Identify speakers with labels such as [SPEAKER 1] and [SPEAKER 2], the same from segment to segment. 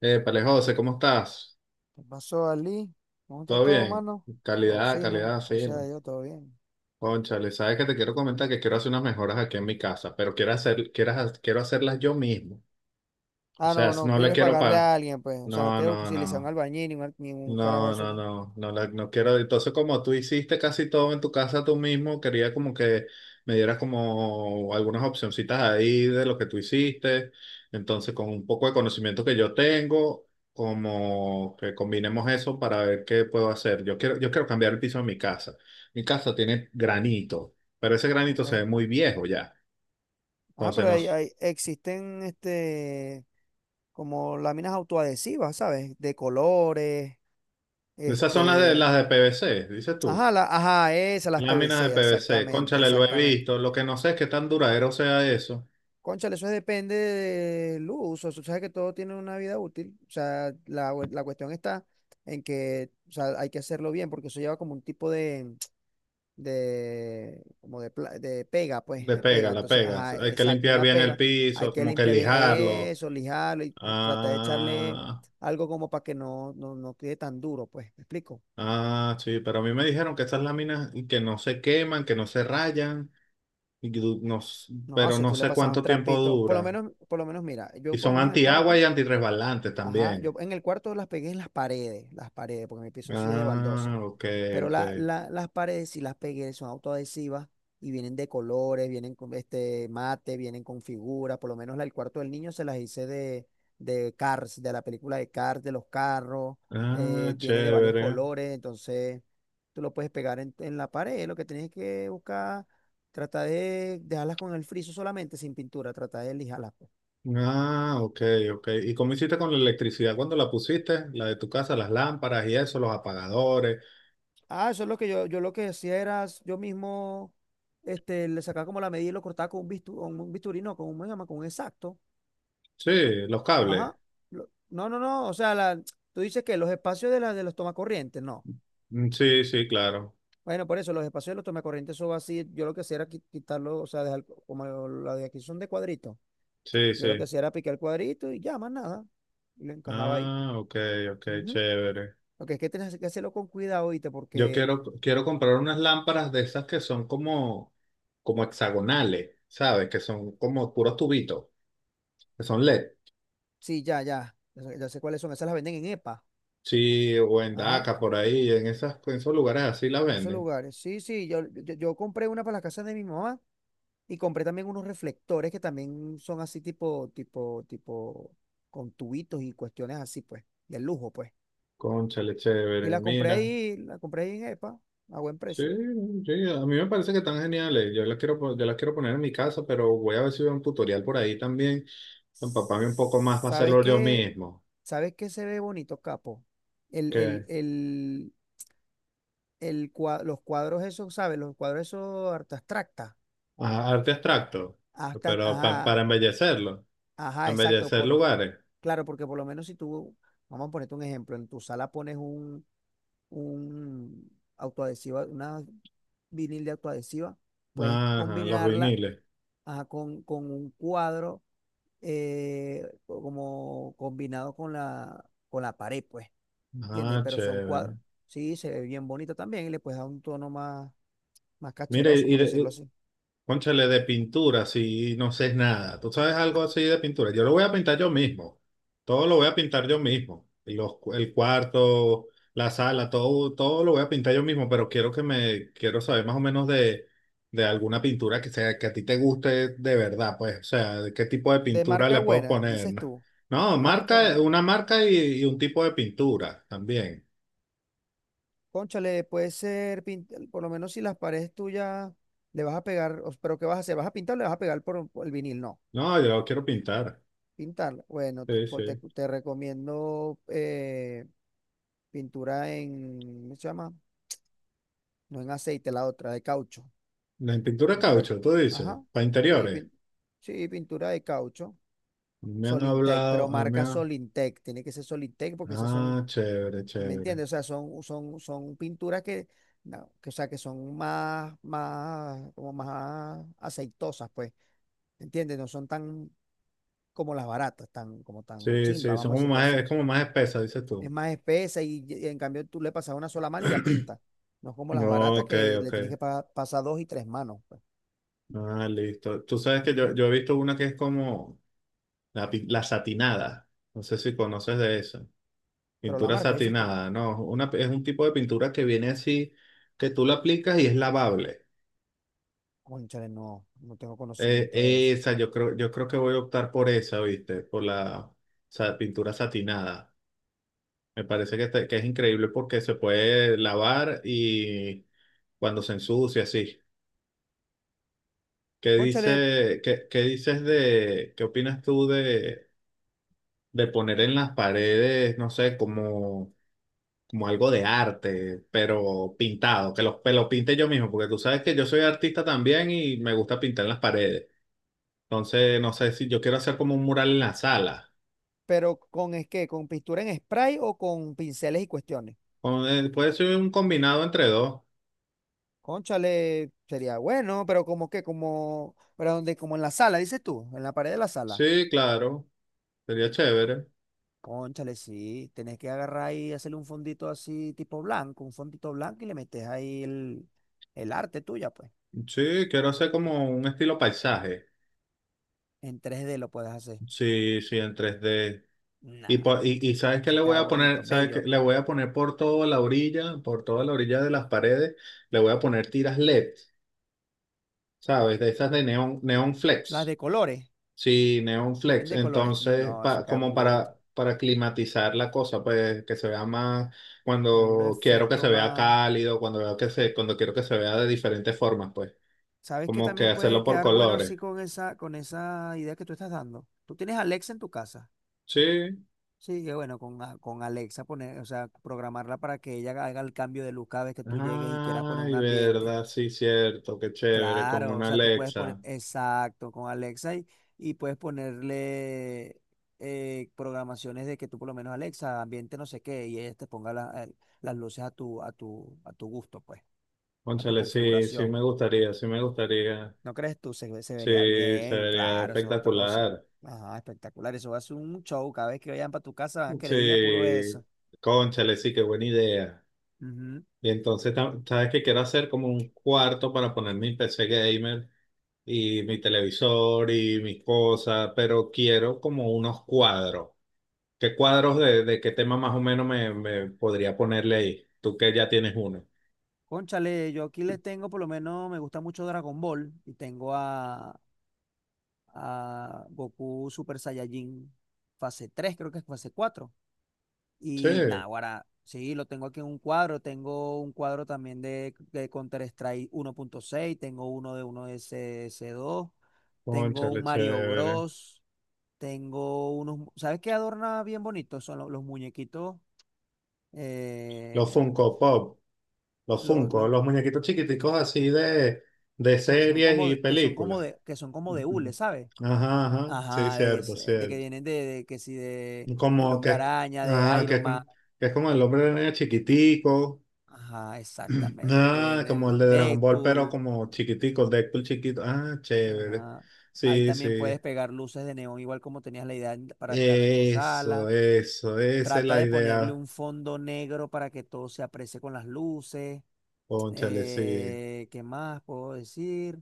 [SPEAKER 1] Épale, José, ¿cómo estás?
[SPEAKER 2] ¿Qué pasó, Ali? ¿Cómo está
[SPEAKER 1] ¿Todo
[SPEAKER 2] todo,
[SPEAKER 1] bien?
[SPEAKER 2] mano? Todo
[SPEAKER 1] Calidad,
[SPEAKER 2] fino,
[SPEAKER 1] calidad,
[SPEAKER 2] o sea,
[SPEAKER 1] fino.
[SPEAKER 2] yo todo bien.
[SPEAKER 1] Cónchale, sabes que te quiero comentar que quiero hacer unas mejoras aquí en mi casa, pero quiero hacerlas yo mismo. O
[SPEAKER 2] Ah,
[SPEAKER 1] sea,
[SPEAKER 2] no, no
[SPEAKER 1] no le
[SPEAKER 2] quieres
[SPEAKER 1] quiero
[SPEAKER 2] pagarle
[SPEAKER 1] pagar.
[SPEAKER 2] a alguien, pues. O sea, no
[SPEAKER 1] No,
[SPEAKER 2] quieres
[SPEAKER 1] no,
[SPEAKER 2] utilizar un
[SPEAKER 1] no.
[SPEAKER 2] albañil ni un, ni un carajo de eso.
[SPEAKER 1] No quiero. Entonces, como tú hiciste casi todo en tu casa tú mismo, quería como que me dieras como algunas opcioncitas ahí de lo que tú hiciste. Entonces, con un poco de conocimiento que yo tengo, como que combinemos eso para ver qué puedo hacer. Yo quiero cambiar el piso de mi casa. Mi casa tiene granito, pero ese granito
[SPEAKER 2] Ok.
[SPEAKER 1] se ve muy viejo ya.
[SPEAKER 2] Ah,
[SPEAKER 1] Entonces,
[SPEAKER 2] pero
[SPEAKER 1] no.
[SPEAKER 2] existen este, como láminas autoadhesivas, ¿sabes? De colores,
[SPEAKER 1] Esas son las
[SPEAKER 2] este.
[SPEAKER 1] de PVC, dices tú.
[SPEAKER 2] Ajá, ajá, esas, las
[SPEAKER 1] Láminas de
[SPEAKER 2] PVC,
[SPEAKER 1] PVC,
[SPEAKER 2] exactamente,
[SPEAKER 1] cónchale, lo he
[SPEAKER 2] exactamente.
[SPEAKER 1] visto. Lo que no sé es qué tan duradero sea eso.
[SPEAKER 2] Cónchale, eso depende del uso. Tú sabes que todo tiene una vida útil. O sea, la cuestión está en que, o sea, hay que hacerlo bien, porque eso lleva como un tipo de, como de, de pega, pues,
[SPEAKER 1] De
[SPEAKER 2] de
[SPEAKER 1] pega,
[SPEAKER 2] pega.
[SPEAKER 1] la
[SPEAKER 2] Entonces,
[SPEAKER 1] pegas.
[SPEAKER 2] ajá,
[SPEAKER 1] Hay que
[SPEAKER 2] exacto,
[SPEAKER 1] limpiar
[SPEAKER 2] una
[SPEAKER 1] bien el
[SPEAKER 2] pega. Hay
[SPEAKER 1] piso,
[SPEAKER 2] que
[SPEAKER 1] como que
[SPEAKER 2] limpiar bien
[SPEAKER 1] lijarlo.
[SPEAKER 2] eso, lijarlo y tratar de echarle
[SPEAKER 1] Ah,
[SPEAKER 2] algo como para que no quede tan duro, pues. ¿Me explico?
[SPEAKER 1] sí, pero a mí me dijeron que estas láminas y que no se queman, que no se rayan, y que du- no s-
[SPEAKER 2] No,
[SPEAKER 1] pero
[SPEAKER 2] si
[SPEAKER 1] no
[SPEAKER 2] tú le
[SPEAKER 1] sé
[SPEAKER 2] pasas un
[SPEAKER 1] cuánto tiempo
[SPEAKER 2] trapito,
[SPEAKER 1] dura.
[SPEAKER 2] por lo menos, mira,
[SPEAKER 1] Y
[SPEAKER 2] yo por lo
[SPEAKER 1] son
[SPEAKER 2] menos en el
[SPEAKER 1] antiagua
[SPEAKER 2] cuarto.
[SPEAKER 1] y antirresbalantes
[SPEAKER 2] Ajá, yo
[SPEAKER 1] también.
[SPEAKER 2] en el cuarto las pegué en las paredes, porque mi piso sí es de
[SPEAKER 1] Ah,
[SPEAKER 2] baldosa.
[SPEAKER 1] ok,
[SPEAKER 2] Pero
[SPEAKER 1] ok.
[SPEAKER 2] las paredes sí las pegué, son autoadhesivas y vienen de colores, vienen con este mate, vienen con figuras. Por lo menos la del cuarto del niño se las hice de Cars, de la película de Cars, de los carros,
[SPEAKER 1] Ah,
[SPEAKER 2] viene de varios
[SPEAKER 1] chévere.
[SPEAKER 2] colores, entonces tú lo puedes pegar en la pared. Lo que tienes que buscar, trata de dejarlas con el friso solamente, sin pintura, trata de lijarlas.
[SPEAKER 1] Ah, ok, ok. ¿Y cómo hiciste con la electricidad cuando la pusiste? La de tu casa, las lámparas y eso, los apagadores.
[SPEAKER 2] Ah, eso es lo que yo lo que hacía era, yo mismo, este, le sacaba como la medida y lo cortaba con un bistu con un bisturí, no, con un, ¿cómo se llama? Con un exacto.
[SPEAKER 1] Sí, los cables.
[SPEAKER 2] Ajá. No, no, no, o sea, tú dices que los espacios de, de los tomacorrientes, no.
[SPEAKER 1] Sí, sí, claro.
[SPEAKER 2] Bueno, por eso, los espacios de los tomacorrientes, eso va así, yo lo que hacía era quitarlo, o sea, dejar como la de aquí son de cuadrito.
[SPEAKER 1] Sí,
[SPEAKER 2] Yo lo que
[SPEAKER 1] sí.
[SPEAKER 2] hacía era picar el cuadrito y ya, más nada. Y lo encajaba ahí.
[SPEAKER 1] Ah, ok, ok,
[SPEAKER 2] Ujú.
[SPEAKER 1] chévere.
[SPEAKER 2] Lo que es que tienes que hacerlo con cuidado, ¿viste?
[SPEAKER 1] Yo
[SPEAKER 2] Porque,
[SPEAKER 1] quiero, quiero comprar unas lámparas de esas que son como, como hexagonales, ¿sabes? Que son como puros tubitos, que son LED.
[SPEAKER 2] sí, ya, ya, ya sé cuáles son, esas las venden en EPA.
[SPEAKER 1] Sí, o en
[SPEAKER 2] Ajá.
[SPEAKER 1] Daca, por ahí, en esas, en esos lugares así la
[SPEAKER 2] En esos
[SPEAKER 1] venden.
[SPEAKER 2] lugares. Sí, sí, yo compré una para la casa de mi mamá y compré también unos reflectores que también son así tipo, con tubitos y cuestiones así, pues, de lujo, pues.
[SPEAKER 1] Cónchale,
[SPEAKER 2] Y
[SPEAKER 1] chévere, mira.
[SPEAKER 2] la compré ahí en EPA, a buen
[SPEAKER 1] Sí,
[SPEAKER 2] precio.
[SPEAKER 1] sí, a mí me parece que están geniales. Yo las quiero poner en mi casa, pero voy a ver si veo un tutorial por ahí también. Empaparme un poco más para
[SPEAKER 2] ¿Sabes
[SPEAKER 1] hacerlo yo
[SPEAKER 2] qué?
[SPEAKER 1] mismo.
[SPEAKER 2] ¿Sabes qué se ve bonito, capo? El, el,
[SPEAKER 1] ¿Qué?
[SPEAKER 2] el, los cuadros esos, ¿sabes? Los cuadros esos arte abstracta.
[SPEAKER 1] Ajá, arte abstracto,
[SPEAKER 2] Hasta,
[SPEAKER 1] pero para embellecerlo,
[SPEAKER 2] Ajá, exacto,
[SPEAKER 1] embellecer
[SPEAKER 2] porque,
[SPEAKER 1] lugares.
[SPEAKER 2] claro, porque por lo menos si tú, vamos a ponerte un ejemplo, en tu sala pones un, un autoadhesiva, una vinil de autoadhesiva, puedes
[SPEAKER 1] Ajá, los
[SPEAKER 2] combinarla
[SPEAKER 1] viniles.
[SPEAKER 2] ajá, con un cuadro eh, como combinado con la pared, pues, ¿entiendes?
[SPEAKER 1] Ah,
[SPEAKER 2] Pero son cuadros,
[SPEAKER 1] chévere.
[SPEAKER 2] sí, se ve bien bonito también y le puedes dar un tono más, más
[SPEAKER 1] Mire,
[SPEAKER 2] cacheroso, por decirlo
[SPEAKER 1] y,
[SPEAKER 2] así.
[SPEAKER 1] Cónchale, de pintura, si no sé nada. ¿Tú sabes algo así de pintura? Yo lo voy a pintar yo mismo. Todo lo voy a pintar yo mismo. El cuarto, la sala, todo, todo lo voy a pintar yo mismo, pero quiero saber más o menos de alguna pintura que sea, que a ti te guste de verdad, pues. O sea, de qué tipo de
[SPEAKER 2] De
[SPEAKER 1] pintura
[SPEAKER 2] marca
[SPEAKER 1] le puedo
[SPEAKER 2] buena,
[SPEAKER 1] poner.
[SPEAKER 2] dices tú,
[SPEAKER 1] No, no,
[SPEAKER 2] una marca buena.
[SPEAKER 1] marca, una marca y un tipo de pintura también.
[SPEAKER 2] Cónchale, puede ser, por lo menos si las paredes tuyas le vas a pegar, pero ¿qué vas a hacer? ¿Vas a pintar o le vas a pegar por el vinil? No,
[SPEAKER 1] No, yo quiero pintar.
[SPEAKER 2] pintarla. Bueno, te,
[SPEAKER 1] Sí,
[SPEAKER 2] po- te-
[SPEAKER 1] sí.
[SPEAKER 2] te recomiendo pintura en, ¿cómo se llama? No en aceite, la otra, de caucho.
[SPEAKER 1] La pintura de
[SPEAKER 2] Pintura,
[SPEAKER 1] caucho, tú dices,
[SPEAKER 2] ajá,
[SPEAKER 1] para
[SPEAKER 2] sí,
[SPEAKER 1] interiores.
[SPEAKER 2] sí, pintura de caucho.
[SPEAKER 1] Me han
[SPEAKER 2] Solintec, pero
[SPEAKER 1] hablado, a mí me
[SPEAKER 2] marca
[SPEAKER 1] ha-
[SPEAKER 2] Solintec, tiene que ser Solintec porque esas son.
[SPEAKER 1] Ah, chévere,
[SPEAKER 2] ¿Me
[SPEAKER 1] chévere.
[SPEAKER 2] entiendes? O sea, son pinturas que, no, que, o sea, que son más, más, como más aceitosas, pues. ¿Me entiendes? No son tan como las baratas, tan, como tan
[SPEAKER 1] Sí,
[SPEAKER 2] chimba,
[SPEAKER 1] sí, son
[SPEAKER 2] vamos a
[SPEAKER 1] como
[SPEAKER 2] decirlo
[SPEAKER 1] más,
[SPEAKER 2] así.
[SPEAKER 1] es como más espesa, dices
[SPEAKER 2] Es
[SPEAKER 1] tú.
[SPEAKER 2] más espesa y en cambio tú le pasas una sola mano y ya pinta. No es como las baratas
[SPEAKER 1] Ok,
[SPEAKER 2] que le
[SPEAKER 1] ok.
[SPEAKER 2] tienes que pasar dos y tres manos, pues.
[SPEAKER 1] Ah, listo. Tú sabes que yo,
[SPEAKER 2] Ujú.
[SPEAKER 1] yo he visto una que es como la, la satinada. No sé si conoces de eso.
[SPEAKER 2] Pero la
[SPEAKER 1] Pintura
[SPEAKER 2] marca, dices tú.
[SPEAKER 1] satinada, ¿no? Una, es un tipo de pintura que viene así, que tú la aplicas y es lavable.
[SPEAKER 2] Cónchale, no, no tengo
[SPEAKER 1] Eh,
[SPEAKER 2] conocimiento de eso.
[SPEAKER 1] Esa, yo creo que voy a optar por esa, ¿viste? Por la, pintura satinada. Me parece que, que es increíble porque se puede lavar y cuando se ensucia, sí.
[SPEAKER 2] Cónchale,
[SPEAKER 1] ¿Qué dices de, qué opinas tú de poner en las paredes, no sé, como, como algo de arte, pero pintado, que los, que lo pinte yo mismo, porque tú sabes que yo soy artista también y me gusta pintar en las paredes. Entonces, no sé si yo quiero hacer como un mural en la sala.
[SPEAKER 2] pero con es qué ¿con pintura en spray o con pinceles y cuestiones?
[SPEAKER 1] Puede ser un combinado entre dos.
[SPEAKER 2] Cónchale, sería bueno, pero como que, como, pero donde, como en la sala, dices tú, en la pared de la sala.
[SPEAKER 1] Sí, claro, sería chévere.
[SPEAKER 2] Cónchale, sí, tenés que agarrar y hacerle un fondito así, tipo blanco, un fondito blanco y le metes ahí el arte tuya, pues.
[SPEAKER 1] Sí, quiero hacer como un estilo paisaje.
[SPEAKER 2] En 3D lo puedes hacer.
[SPEAKER 1] Sí, sí, en 3D.
[SPEAKER 2] Nada,
[SPEAKER 1] Y ¿sabes qué
[SPEAKER 2] eso
[SPEAKER 1] le voy
[SPEAKER 2] queda
[SPEAKER 1] a
[SPEAKER 2] bonito,
[SPEAKER 1] poner? ¿Sabes
[SPEAKER 2] bello.
[SPEAKER 1] qué? Le voy a poner por toda la orilla, por toda la orilla de las paredes, le voy a poner tiras LED, ¿sabes? De esas de neón, neón
[SPEAKER 2] Las de
[SPEAKER 1] flex.
[SPEAKER 2] colores,
[SPEAKER 1] Sí, neón
[SPEAKER 2] vienen
[SPEAKER 1] flex.
[SPEAKER 2] de colores.
[SPEAKER 1] Entonces,
[SPEAKER 2] No, eso queda
[SPEAKER 1] como
[SPEAKER 2] muy bonito.
[SPEAKER 1] para climatizar la cosa, pues que se vea más,
[SPEAKER 2] Poner un
[SPEAKER 1] cuando quiero que
[SPEAKER 2] efecto
[SPEAKER 1] se vea
[SPEAKER 2] más.
[SPEAKER 1] cálido, cuando veo que se, cuando quiero que se vea de diferentes formas, pues,
[SPEAKER 2] ¿Sabes qué
[SPEAKER 1] como que
[SPEAKER 2] también puede
[SPEAKER 1] hacerlo por
[SPEAKER 2] quedar bueno
[SPEAKER 1] colores.
[SPEAKER 2] así con esa idea que tú estás dando? Tú tienes Alexa en tu casa.
[SPEAKER 1] Sí,
[SPEAKER 2] Sí, que bueno, con Alexa poner, o sea, programarla para que ella haga el cambio de luz cada vez que tú llegues y quieras poner un
[SPEAKER 1] ay,
[SPEAKER 2] ambiente.
[SPEAKER 1] verdad, sí, cierto, qué chévere, con
[SPEAKER 2] Claro, o
[SPEAKER 1] una
[SPEAKER 2] sea, tú puedes poner,
[SPEAKER 1] Alexa.
[SPEAKER 2] exacto, con Alexa y puedes ponerle programaciones de que tú por lo menos Alexa, ambiente no sé qué, y ella te ponga las luces a tu gusto, pues, a tu
[SPEAKER 1] Cónchale, sí, sí
[SPEAKER 2] configuración.
[SPEAKER 1] me gustaría, sí me gustaría.
[SPEAKER 2] ¿No crees tú? Se vería
[SPEAKER 1] Sí,
[SPEAKER 2] bien,
[SPEAKER 1] sería
[SPEAKER 2] claro, eso es otro, o sea,
[SPEAKER 1] espectacular.
[SPEAKER 2] ajá, espectacular, eso va a ser un show, cada vez que vayan para tu casa,
[SPEAKER 1] Sí,
[SPEAKER 2] creía puro eso.
[SPEAKER 1] cónchale, sí, qué buena idea.
[SPEAKER 2] Ujú.
[SPEAKER 1] Y entonces, ¿sabes qué quiero hacer? Como un cuarto para poner mi PC gamer y mi televisor y mis cosas, pero quiero como unos cuadros. ¿Qué cuadros de qué tema más o menos me, me podría ponerle ahí? Tú que ya tienes uno.
[SPEAKER 2] Cónchale, yo aquí les tengo, por lo menos me gusta mucho Dragon Ball y tengo a Goku Super Saiyajin fase 3, creo que es fase 4.
[SPEAKER 1] Sí.
[SPEAKER 2] Y nada, ahora sí, lo tengo aquí en un cuadro, tengo un cuadro también de Counter-Strike 1.6, tengo uno de uno S S dos, tengo un
[SPEAKER 1] Cónchale,
[SPEAKER 2] Mario
[SPEAKER 1] chévere.
[SPEAKER 2] Bros, tengo unos, ¿sabes qué adorna bien bonito? Son los, muñequitos,
[SPEAKER 1] Los
[SPEAKER 2] eh,
[SPEAKER 1] Funko Pop, los
[SPEAKER 2] los,
[SPEAKER 1] Funko,
[SPEAKER 2] los-
[SPEAKER 1] los muñequitos chiquiticos así de
[SPEAKER 2] como son
[SPEAKER 1] series y
[SPEAKER 2] que son como
[SPEAKER 1] películas.
[SPEAKER 2] de, que son como de hule,
[SPEAKER 1] Ujú.
[SPEAKER 2] ¿sabes?
[SPEAKER 1] Ajá, ajá, sí,
[SPEAKER 2] Ajá,
[SPEAKER 1] cierto,
[SPEAKER 2] de que
[SPEAKER 1] cierto.
[SPEAKER 2] vienen de que si de El
[SPEAKER 1] Como
[SPEAKER 2] Hombre
[SPEAKER 1] que,
[SPEAKER 2] Araña, de
[SPEAKER 1] ajá, que,
[SPEAKER 2] Iron Man.
[SPEAKER 1] que es como el hombre de niño chiquitico,
[SPEAKER 2] Ajá, exactamente. Que
[SPEAKER 1] ah,
[SPEAKER 2] viene
[SPEAKER 1] como el
[SPEAKER 2] el
[SPEAKER 1] de Dragon Ball, pero
[SPEAKER 2] Deadpool.
[SPEAKER 1] como chiquitico, Deadpool chiquito, ah, chévere.
[SPEAKER 2] Ajá. Ahí
[SPEAKER 1] Sí,
[SPEAKER 2] también
[SPEAKER 1] sí,
[SPEAKER 2] puedes pegar luces de neón, igual como tenías la idea para crearla en tu
[SPEAKER 1] eso,
[SPEAKER 2] sala.
[SPEAKER 1] eso, esa es
[SPEAKER 2] Trata
[SPEAKER 1] la
[SPEAKER 2] de ponerle
[SPEAKER 1] idea,
[SPEAKER 2] un fondo negro para que todo se aprecie con las luces.
[SPEAKER 1] cónchale, sí.
[SPEAKER 2] ¿Qué más puedo decir?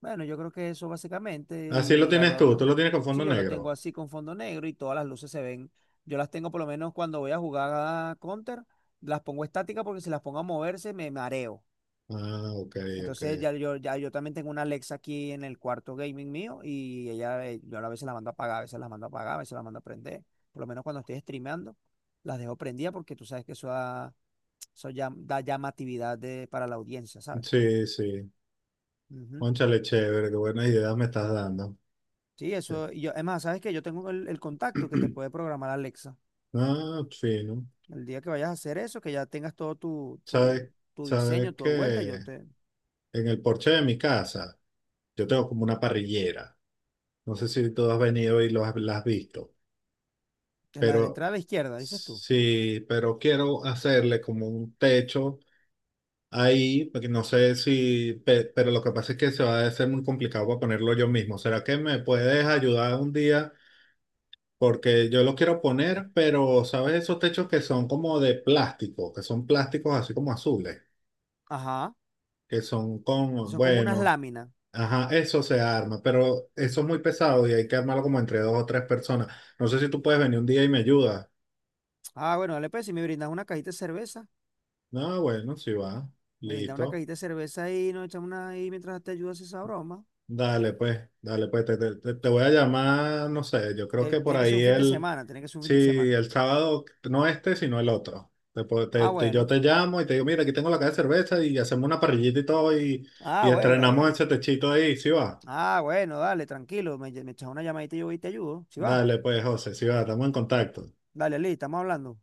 [SPEAKER 2] Bueno, yo creo que eso básicamente
[SPEAKER 1] Así lo
[SPEAKER 2] y
[SPEAKER 1] tienes tú, tú
[SPEAKER 2] adorno.
[SPEAKER 1] lo tienes con fondo
[SPEAKER 2] Sí, yo lo tengo
[SPEAKER 1] negro.
[SPEAKER 2] así con fondo negro y todas las luces se ven. Yo las tengo por lo menos cuando voy a jugar a Counter, las pongo estática porque si las pongo a moverse me mareo.
[SPEAKER 1] Ah, ok, ok.
[SPEAKER 2] Entonces ya yo también tengo una Alexa aquí en el cuarto gaming mío y ella, yo a veces la mando a apagar, a veces la mando a apagar, a veces la mando a prender. Por lo menos cuando estoy streameando, las dejo prendidas porque tú sabes que eso, eso da llamatividad para la audiencia, ¿sabes?
[SPEAKER 1] Sí, sí.
[SPEAKER 2] Ujú.
[SPEAKER 1] Cónchale, chévere, qué buenas ideas me estás dando.
[SPEAKER 2] Sí,
[SPEAKER 1] Sí.
[SPEAKER 2] eso, y yo, además, sabes que yo tengo el contacto que te puede programar Alexa.
[SPEAKER 1] Ah, fino.
[SPEAKER 2] El día que vayas a hacer eso, que ya tengas todo tu, tu,
[SPEAKER 1] ¿Sabes?
[SPEAKER 2] tu diseño,
[SPEAKER 1] ¿Sabes
[SPEAKER 2] tu
[SPEAKER 1] que
[SPEAKER 2] vuelta, yo te,
[SPEAKER 1] en el porche de mi casa, yo tengo como una parrillera? No sé si tú has venido y lo has, la has visto,
[SPEAKER 2] en la de la
[SPEAKER 1] pero
[SPEAKER 2] entrada a la izquierda, dices tú.
[SPEAKER 1] sí, pero quiero hacerle como un techo ahí, porque no sé si, pe- pero lo que pasa es que se va a hacer muy complicado para ponerlo yo mismo. ¿Será que me puedes ayudar un día? Porque yo lo quiero poner, pero ¿sabes esos techos que son como de plástico? Que son plásticos así como azules,
[SPEAKER 2] Ajá,
[SPEAKER 1] que son con,
[SPEAKER 2] son como unas
[SPEAKER 1] bueno,
[SPEAKER 2] láminas.
[SPEAKER 1] ajá, eso se arma, pero eso es muy pesado y hay que armarlo como entre dos o tres personas. No sé si tú puedes venir un día y me ayudas.
[SPEAKER 2] Ah, bueno, dale pues, si me brindas una cajita de cerveza,
[SPEAKER 1] No, bueno, sí va,
[SPEAKER 2] me brindas una
[SPEAKER 1] listo.
[SPEAKER 2] cajita de cerveza y nos echamos una ahí mientras te ayudas a esa broma.
[SPEAKER 1] Dale pues, te voy a llamar, no sé, yo creo
[SPEAKER 2] Te-
[SPEAKER 1] que por
[SPEAKER 2] tiene que ser
[SPEAKER 1] ahí
[SPEAKER 2] un fin de
[SPEAKER 1] el,
[SPEAKER 2] semana, tiene que ser un fin
[SPEAKER 1] sí,
[SPEAKER 2] de semana.
[SPEAKER 1] el sábado, no este, sino el otro. Te po-
[SPEAKER 2] Ah,
[SPEAKER 1] te- te- Yo
[SPEAKER 2] bueno,
[SPEAKER 1] te llamo y te digo, mira, aquí tengo la caja de cerveza y hacemos una parrillita y todo
[SPEAKER 2] ah,
[SPEAKER 1] y
[SPEAKER 2] bueno, está
[SPEAKER 1] estrenamos
[SPEAKER 2] bien.
[SPEAKER 1] ese techito ahí, ¿sí va?
[SPEAKER 2] Ah, bueno, dale, tranquilo, me echas una llamadita y yo voy y te ayudo. Si va,
[SPEAKER 1] Dale, pues, José, sí va, estamos en contacto.
[SPEAKER 2] dale, Lee, estamos hablando.